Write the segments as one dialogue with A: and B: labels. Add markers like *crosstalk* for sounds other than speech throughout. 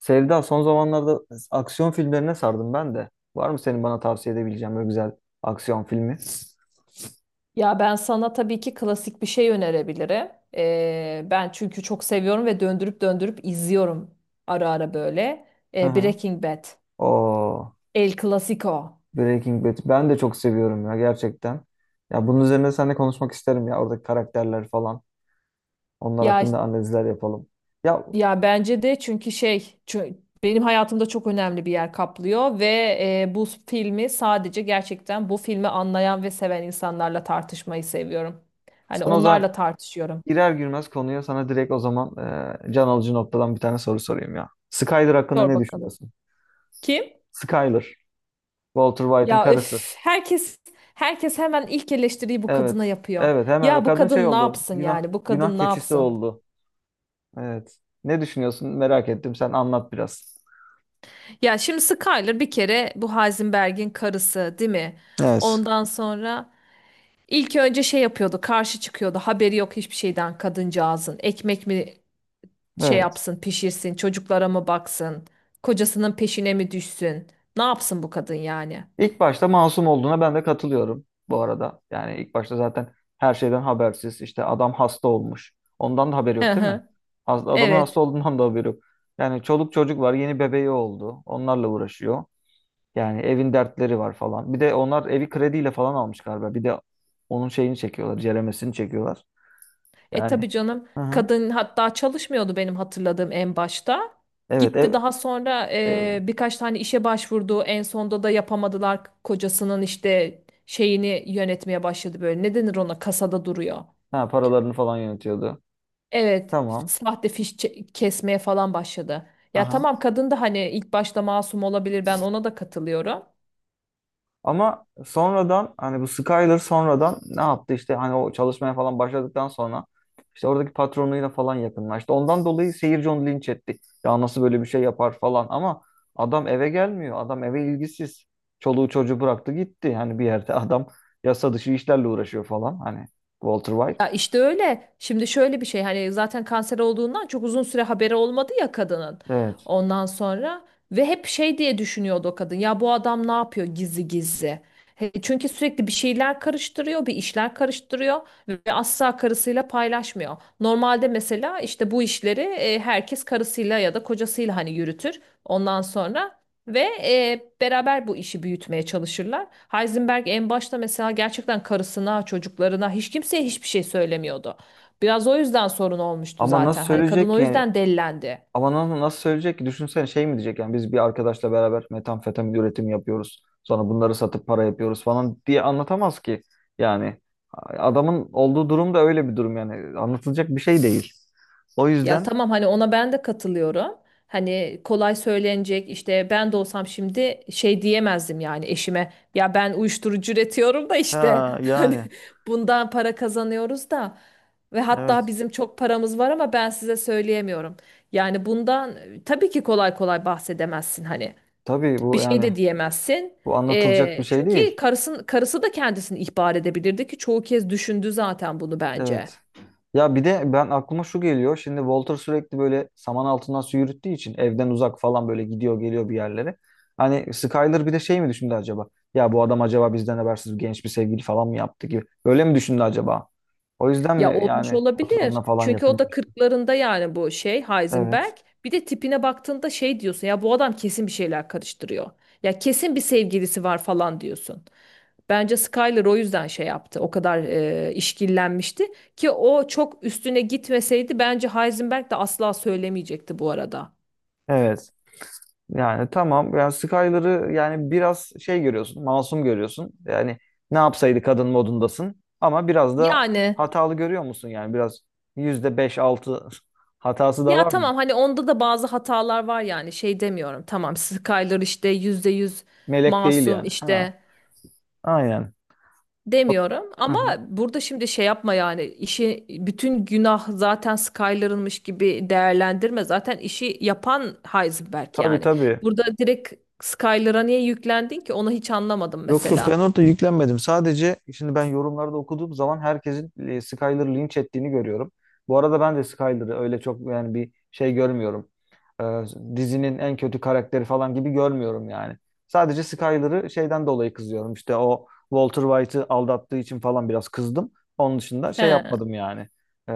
A: Sevda son zamanlarda aksiyon filmlerine sardım ben de. Var mı senin bana tavsiye edebileceğin böyle güzel aksiyon filmi?
B: Ya ben sana tabii ki klasik bir şey önerebilirim. Ben çünkü çok seviyorum ve döndürüp döndürüp izliyorum ara ara böyle.
A: Hı hı.
B: Breaking Bad,
A: Oo,
B: El Clasico.
A: Breaking Bad. Ben de çok seviyorum ya gerçekten. Ya bunun üzerine seninle konuşmak isterim ya oradaki karakterler falan. Onlar
B: Ya
A: hakkında analizler yapalım. Ya
B: ya bence de çünkü benim hayatımda çok önemli bir yer kaplıyor ve bu filmi sadece gerçekten bu filmi anlayan ve seven insanlarla tartışmayı seviyorum. Hani
A: sana o zaman
B: onlarla tartışıyorum.
A: girer girmez konuya sana direkt o zaman can alıcı noktadan bir tane soru sorayım ya. Skyler hakkında
B: Sor
A: ne
B: bakalım.
A: düşünüyorsun?
B: Kim?
A: Skyler, Walter White'ın
B: Ya
A: karısı.
B: öf, herkes hemen ilk eleştiriyi bu kadına
A: Evet.
B: yapıyor.
A: Evet hemen
B: Ya bu
A: kadın şey
B: kadın ne
A: oldu.
B: yapsın
A: Günah
B: yani? Bu
A: günah
B: kadın ne
A: keçisi
B: yapsın?
A: oldu. Evet. Ne düşünüyorsun? Merak ettim. Sen anlat biraz.
B: Ya şimdi Skyler bir kere bu Heisenberg'in karısı, değil mi?
A: Evet.
B: Ondan sonra ilk önce şey yapıyordu, karşı çıkıyordu. Haberi yok hiçbir şeyden kadıncağızın. Ekmek mi şey
A: Evet.
B: yapsın, pişirsin, çocuklara mı baksın? Kocasının peşine mi düşsün? Ne yapsın bu kadın yani?
A: İlk başta masum olduğuna ben de katılıyorum bu arada. Yani ilk başta zaten her şeyden habersiz. İşte adam hasta olmuş. Ondan da haberi
B: Hı
A: yok değil mi?
B: hı.
A: Adamın hasta
B: Evet.
A: olduğundan da haberi yok. Yani çoluk çocuk var. Yeni bebeği oldu. Onlarla uğraşıyor. Yani evin dertleri var falan. Bir de onlar evi krediyle falan almış galiba. Bir de onun şeyini çekiyorlar. Ceremesini çekiyorlar.
B: E
A: Yani.
B: tabii canım
A: Aha.
B: kadın hatta çalışmıyordu benim hatırladığım en başta.
A: Evet,
B: Gitti
A: ev,
B: daha sonra
A: ev.
B: birkaç tane işe başvurdu. En sonda da yapamadılar kocasının işte şeyini yönetmeye başladı böyle. Ne denir ona kasada duruyor.
A: Ha, paralarını falan yönetiyordu.
B: Evet,
A: Tamam.
B: sahte kesmeye falan başladı. Ya
A: Aha.
B: tamam kadın da hani ilk başta masum olabilir ben ona da katılıyorum.
A: Ama sonradan hani bu Skyler sonradan ne yaptı işte hani o çalışmaya falan başladıktan sonra işte oradaki patronuyla falan yakınlaştı. Ondan dolayı seyirci onu linç etti. Ya nasıl böyle bir şey yapar falan ama adam eve gelmiyor. Adam eve ilgisiz. Çoluğu çocuğu bıraktı gitti. Yani bir yerde *laughs* adam yasa dışı işlerle uğraşıyor falan. Hani Walter White.
B: Ya işte öyle. Şimdi şöyle bir şey hani zaten kanser olduğundan çok uzun süre haberi olmadı ya kadının.
A: Evet.
B: Ondan sonra ve hep şey diye düşünüyordu o kadın. Ya bu adam ne yapıyor gizli gizli? He, çünkü sürekli bir şeyler karıştırıyor, bir işler karıştırıyor ve asla karısıyla paylaşmıyor. Normalde mesela işte bu işleri herkes karısıyla ya da kocasıyla hani yürütür. Ondan sonra ve beraber bu işi büyütmeye çalışırlar. Heisenberg en başta mesela gerçekten karısına, çocuklarına, hiç kimseye hiçbir şey söylemiyordu. Biraz o yüzden sorun olmuştu
A: Ama nasıl
B: zaten. Hani kadın
A: söyleyecek
B: o
A: ki? Yani
B: yüzden delilendi.
A: ama nasıl söyleyecek ki? Düşünsene şey mi diyecek yani biz bir arkadaşla beraber metamfetamin üretimi yapıyoruz. Sonra bunları satıp para yapıyoruz falan diye anlatamaz ki. Yani adamın olduğu durum da öyle bir durum yani. Anlatılacak bir şey değil. O
B: Ya
A: yüzden
B: tamam hani ona ben de katılıyorum. Hani kolay söylenecek işte ben de olsam şimdi şey diyemezdim yani eşime. Ya ben uyuşturucu üretiyorum da işte
A: ha
B: *laughs* hani
A: yani
B: bundan para kazanıyoruz da ve hatta
A: evet.
B: bizim çok paramız var ama ben size söyleyemiyorum. Yani bundan tabii ki kolay kolay bahsedemezsin hani
A: Tabii
B: bir
A: bu
B: şey
A: yani
B: de diyemezsin.
A: bu anlatılacak bir
B: E,
A: şey
B: çünkü
A: değil.
B: karısı da kendisini ihbar edebilirdi ki çoğu kez düşündü zaten bunu bence.
A: Evet. Ya bir de ben aklıma şu geliyor. Şimdi Walter sürekli böyle saman altından su yürüttüğü için evden uzak falan böyle gidiyor geliyor bir yerlere. Hani Skyler bir de şey mi düşündü acaba? Ya bu adam acaba bizden habersiz genç bir sevgili falan mı yaptı gibi. Öyle mi düşündü acaba? O yüzden
B: Ya
A: mi
B: olmuş
A: yani patronuna
B: olabilir.
A: falan
B: Çünkü o da
A: yakınlaştı?
B: 40'larında yani bu şey
A: Evet.
B: Heisenberg. Bir de tipine baktığında şey diyorsun ya bu adam kesin bir şeyler karıştırıyor. Ya kesin bir sevgilisi var falan diyorsun. Bence Skyler o yüzden şey yaptı. O kadar işkillenmişti ki o çok üstüne gitmeseydi bence Heisenberg de asla söylemeyecekti bu arada.
A: Evet. Yani tamam. Yani Skyler'ı yani biraz şey görüyorsun, masum görüyorsun. Yani ne yapsaydı kadın modundasın. Ama biraz da
B: Yani
A: hatalı görüyor musun? Yani biraz yüzde beş altı *laughs* hatası da
B: ya
A: var mı?
B: tamam hani onda da bazı hatalar var yani şey demiyorum. Tamam Skyler işte %100
A: Melek değil
B: masum
A: yani. Ha,
B: işte
A: aynen.
B: demiyorum
A: Hı
B: ama
A: hı.
B: burada şimdi şey yapma yani işi bütün günah zaten Skyler'ınmış gibi değerlendirme. Zaten işi yapan Heisenberg
A: Tabii
B: yani.
A: tabii.
B: Burada direkt Skyler'a niye yüklendin ki onu hiç anlamadım
A: Yok yok ben
B: mesela.
A: orada yüklenmedim. Sadece şimdi ben yorumlarda okuduğum zaman herkesin Skyler'ı linç ettiğini görüyorum. Bu arada ben de Skyler'ı öyle çok yani bir şey görmüyorum. Ee, dizinin en kötü karakteri falan gibi görmüyorum yani. Sadece Skyler'ı şeyden dolayı kızıyorum. İşte o Walter White'ı aldattığı için falan biraz kızdım. Onun dışında şey
B: He.
A: yapmadım yani. Ee,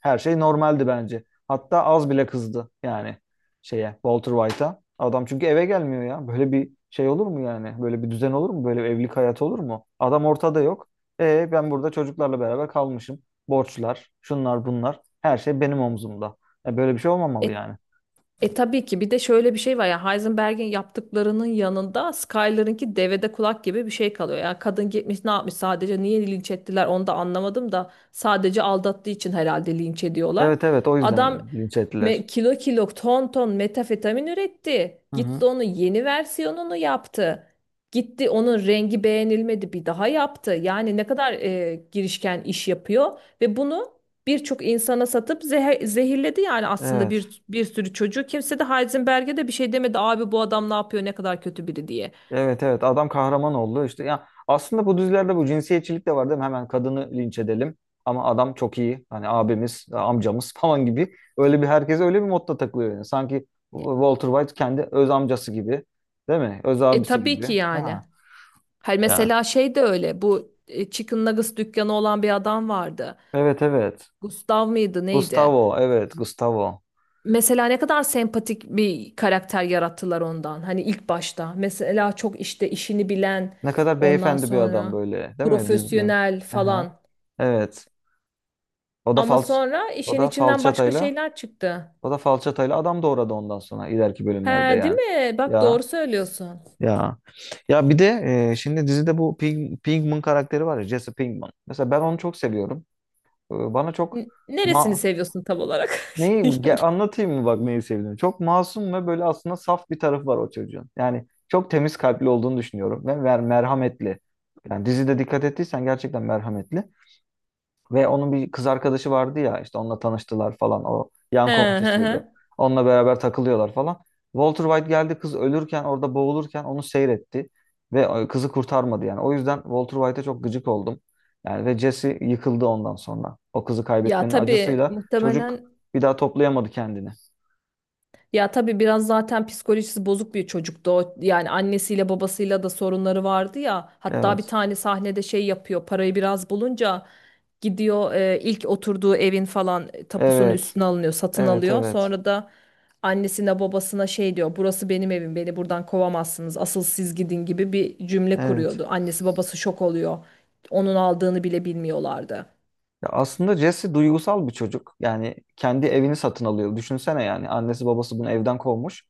A: her şey normaldi bence. Hatta az bile kızdı yani şeye Walter White'a. Adam çünkü eve gelmiyor ya. Böyle bir şey olur mu yani? Böyle bir düzen olur mu? Böyle bir evlilik hayatı olur mu? Adam ortada yok. E ben burada çocuklarla beraber kalmışım. Borçlar, şunlar bunlar. Her şey benim omzumda. E, böyle bir şey olmamalı
B: E
A: yani.
B: E tabii ki bir de şöyle bir şey var ya Heisenberg'in yaptıklarının yanında Skyler'ınki devede kulak gibi bir şey kalıyor. Yani kadın gitmiş ne yapmış sadece niye linç ettiler onu da anlamadım da sadece aldattığı için herhalde linç ediyorlar.
A: Evet evet o
B: Adam
A: yüzden linç ettiler.
B: kilo kilo ton ton metafetamin üretti.
A: Hı hı.
B: Gitti onun yeni versiyonunu yaptı. Gitti onun rengi beğenilmedi bir daha yaptı. Yani ne kadar girişken iş yapıyor ve bunu birçok insana satıp zehirledi yani aslında
A: Evet.
B: bir sürü çocuğu. Kimse de Heisenberg'e de bir şey demedi. Abi bu adam ne yapıyor? Ne kadar kötü biri diye.
A: Evet evet adam kahraman oldu işte ya aslında bu dizilerde bu cinsiyetçilik de var değil mi? Hemen kadını linç edelim ama adam çok iyi hani abimiz amcamız *laughs* falan gibi öyle bir herkese öyle bir modda takılıyor yani sanki Walter White kendi öz amcası gibi değil mi? Öz
B: E
A: abisi
B: tabii
A: gibi.
B: ki yani.
A: Ha.
B: Her
A: Ya
B: mesela şey de öyle. Bu Chicken Nuggets dükkanı olan bir adam vardı.
A: evet evet
B: Gustav mıydı neydi?
A: Gustavo.
B: Mesela ne kadar sempatik bir karakter yarattılar ondan. Hani ilk başta. Mesela çok işte işini bilen
A: Ne kadar
B: ondan
A: beyefendi bir adam
B: sonra
A: böyle değil mi? Düzgün.
B: profesyonel
A: Aha.
B: falan.
A: Evet o da
B: Ama
A: falç
B: sonra
A: o
B: işin
A: da
B: içinden başka
A: falçatayla
B: şeyler çıktı.
A: O da falçatayla adam doğradı ondan sonra ileriki
B: He,
A: bölümlerde
B: değil
A: yani.
B: mi? Bak doğru
A: Ya
B: söylüyorsun.
A: ya. Ya bir de şimdi dizide bu Pinkman karakteri var ya Jesse Pinkman. Mesela ben onu çok seviyorum. E, bana çok
B: Neresini
A: ma
B: seviyorsun tam olarak? *laughs* Yani.
A: anlatayım mı bak neyi sevdiğimi. Çok masum ve böyle aslında saf bir tarafı var o çocuğun. Yani çok temiz kalpli olduğunu düşünüyorum ve merhametli. Yani dizide dikkat ettiysen gerçekten merhametli. Ve onun bir kız arkadaşı vardı ya işte onunla tanıştılar falan o
B: He,
A: yan
B: he, he.
A: komşusuydu. Onunla beraber takılıyorlar falan. Walter White geldi kız ölürken orada boğulurken onu seyretti ve kızı kurtarmadı yani. O yüzden Walter White'e çok gıcık oldum. Yani ve Jesse yıkıldı ondan sonra. O kızı
B: Ya
A: kaybetmenin
B: tabii
A: acısıyla çocuk
B: muhtemelen
A: bir daha toplayamadı kendini.
B: ya tabii biraz zaten psikolojisi bozuk bir çocuktu o. Yani annesiyle babasıyla da sorunları vardı ya. Hatta bir
A: Evet.
B: tane sahnede şey yapıyor. Parayı biraz bulunca gidiyor ilk oturduğu evin falan tapusunun
A: Evet.
B: üstüne alınıyor, satın
A: Evet,
B: alıyor.
A: evet.
B: Sonra da annesine babasına şey diyor. Burası benim evim. Beni buradan kovamazsınız. Asıl siz gidin gibi bir cümle
A: Evet.
B: kuruyordu. Annesi babası şok oluyor onun aldığını bile bilmiyorlardı.
A: Ya aslında Jesse duygusal bir çocuk. Yani kendi evini satın alıyor. Düşünsene yani annesi babası bunu evden kovmuş.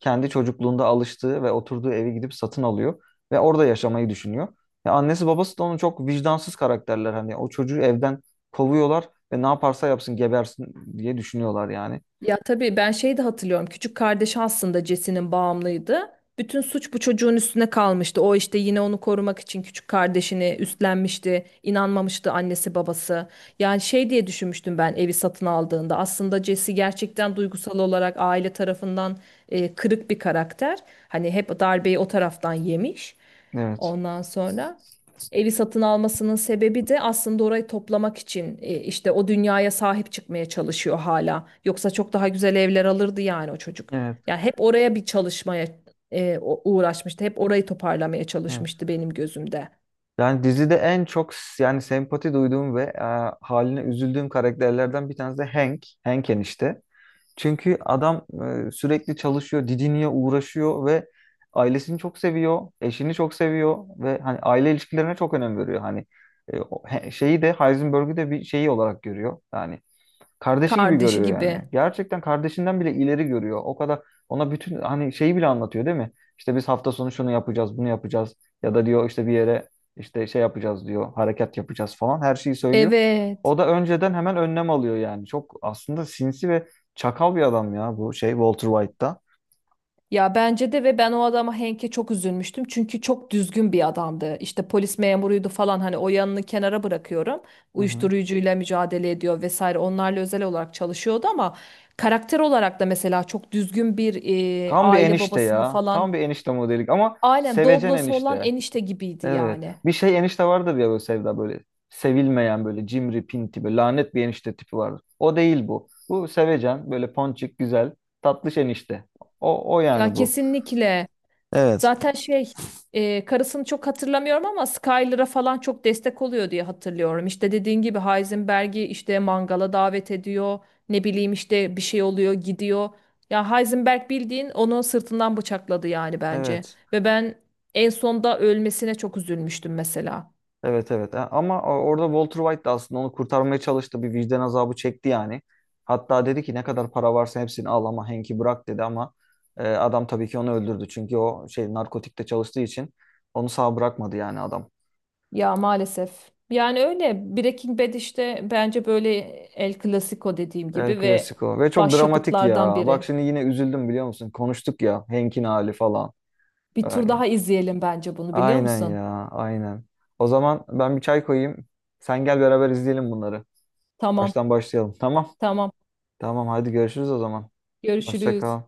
A: Kendi çocukluğunda alıştığı ve oturduğu evi gidip satın alıyor ve orada yaşamayı düşünüyor. Ya annesi babası da onu çok vicdansız karakterler hani o çocuğu evden kovuyorlar ve ne yaparsa yapsın gebersin diye düşünüyorlar yani.
B: Ya tabii ben şeyi de hatırlıyorum. Küçük kardeşi aslında Jesse'nin bağımlıydı. Bütün suç bu çocuğun üstüne kalmıştı. O işte yine onu korumak için küçük kardeşini üstlenmişti. İnanmamıştı annesi babası. Yani şey diye düşünmüştüm ben evi satın aldığında. Aslında Jesse gerçekten duygusal olarak aile tarafından kırık bir karakter. Hani hep darbeyi o taraftan yemiş.
A: Evet.
B: Ondan sonra. Evi satın almasının sebebi de aslında orayı toplamak için işte o dünyaya sahip çıkmaya çalışıyor hala. Yoksa çok daha güzel evler alırdı yani o çocuk.
A: Evet.
B: Yani hep oraya bir çalışmaya uğraşmıştı. Hep orayı toparlamaya
A: Evet.
B: çalışmıştı benim gözümde.
A: Yani dizide en çok yani sempati duyduğum ve haline üzüldüğüm karakterlerden bir tanesi de Hank. Hank enişte. Çünkü adam sürekli çalışıyor, didiniyor, uğraşıyor ve ailesini çok seviyor, eşini çok seviyor ve hani aile ilişkilerine çok önem veriyor. Hani şeyi de Heisenberg'ü de bir şeyi olarak görüyor. Yani kardeşi gibi
B: Kardeşi
A: görüyor yani.
B: gibi.
A: Gerçekten kardeşinden bile ileri görüyor. O kadar ona bütün hani şeyi bile anlatıyor değil mi? İşte biz hafta sonu şunu yapacağız, bunu yapacağız ya da diyor işte bir yere işte şey yapacağız diyor, hareket yapacağız falan her şeyi söylüyor.
B: Evet.
A: O da önceden hemen önlem alıyor yani. Çok aslında sinsi ve çakal bir adam ya bu şey Walter White'da.
B: Ya bence de ve ben o adama Henk'e çok üzülmüştüm. Çünkü çok düzgün bir adamdı. İşte polis memuruydu falan hani o yanını kenara bırakıyorum.
A: Hı hı.
B: Uyuşturucuyla mücadele ediyor vesaire. Onlarla özel olarak çalışıyordu ama karakter olarak da mesela çok düzgün bir
A: Tam bir
B: aile
A: enişte
B: babasını
A: ya.
B: falan.
A: Tam bir enişte modelik ama
B: Aynen
A: sevecen
B: Doblo'su olan
A: enişte.
B: enişte gibiydi
A: Evet.
B: yani.
A: Bir şey enişte vardır ya böyle Sevda böyle sevilmeyen böyle cimri pinti böyle lanet bir enişte tipi vardır. O değil bu. Bu sevecen böyle ponçik güzel tatlış enişte. O
B: Ya
A: yani bu.
B: kesinlikle
A: Evet.
B: zaten şey karısını çok hatırlamıyorum ama Skyler'a falan çok destek oluyor diye hatırlıyorum. İşte dediğin gibi Heisenberg'i işte mangala davet ediyor. Ne bileyim işte bir şey oluyor gidiyor. Ya Heisenberg bildiğin onu sırtından bıçakladı yani bence.
A: Evet.
B: Ve ben en sonda ölmesine çok üzülmüştüm mesela.
A: Evet evet ha, ama orada Walter White da aslında onu kurtarmaya çalıştı. Bir vicdan azabı çekti yani. Hatta dedi ki ne kadar para varsa hepsini al ama Hank'i bırak dedi ama adam tabii ki onu öldürdü. Çünkü o şey narkotikte çalıştığı için onu sağ bırakmadı yani adam.
B: Ya maalesef. Yani öyle Breaking Bad işte bence böyle El Clasico dediğim
A: El
B: gibi ve
A: Clasico ve çok dramatik
B: başyapıtlardan
A: ya. Bak
B: biri.
A: şimdi yine üzüldüm biliyor musun? Konuştuk ya Hank'in hali falan.
B: Bir
A: Ay,
B: tur daha izleyelim bence bunu biliyor
A: aynen
B: musun?
A: ya aynen. O zaman ben bir çay koyayım. Sen gel beraber izleyelim bunları.
B: Tamam,
A: Baştan başlayalım tamam.
B: tamam.
A: Tamam hadi görüşürüz o zaman. Hoşça
B: Görüşürüz.
A: kal.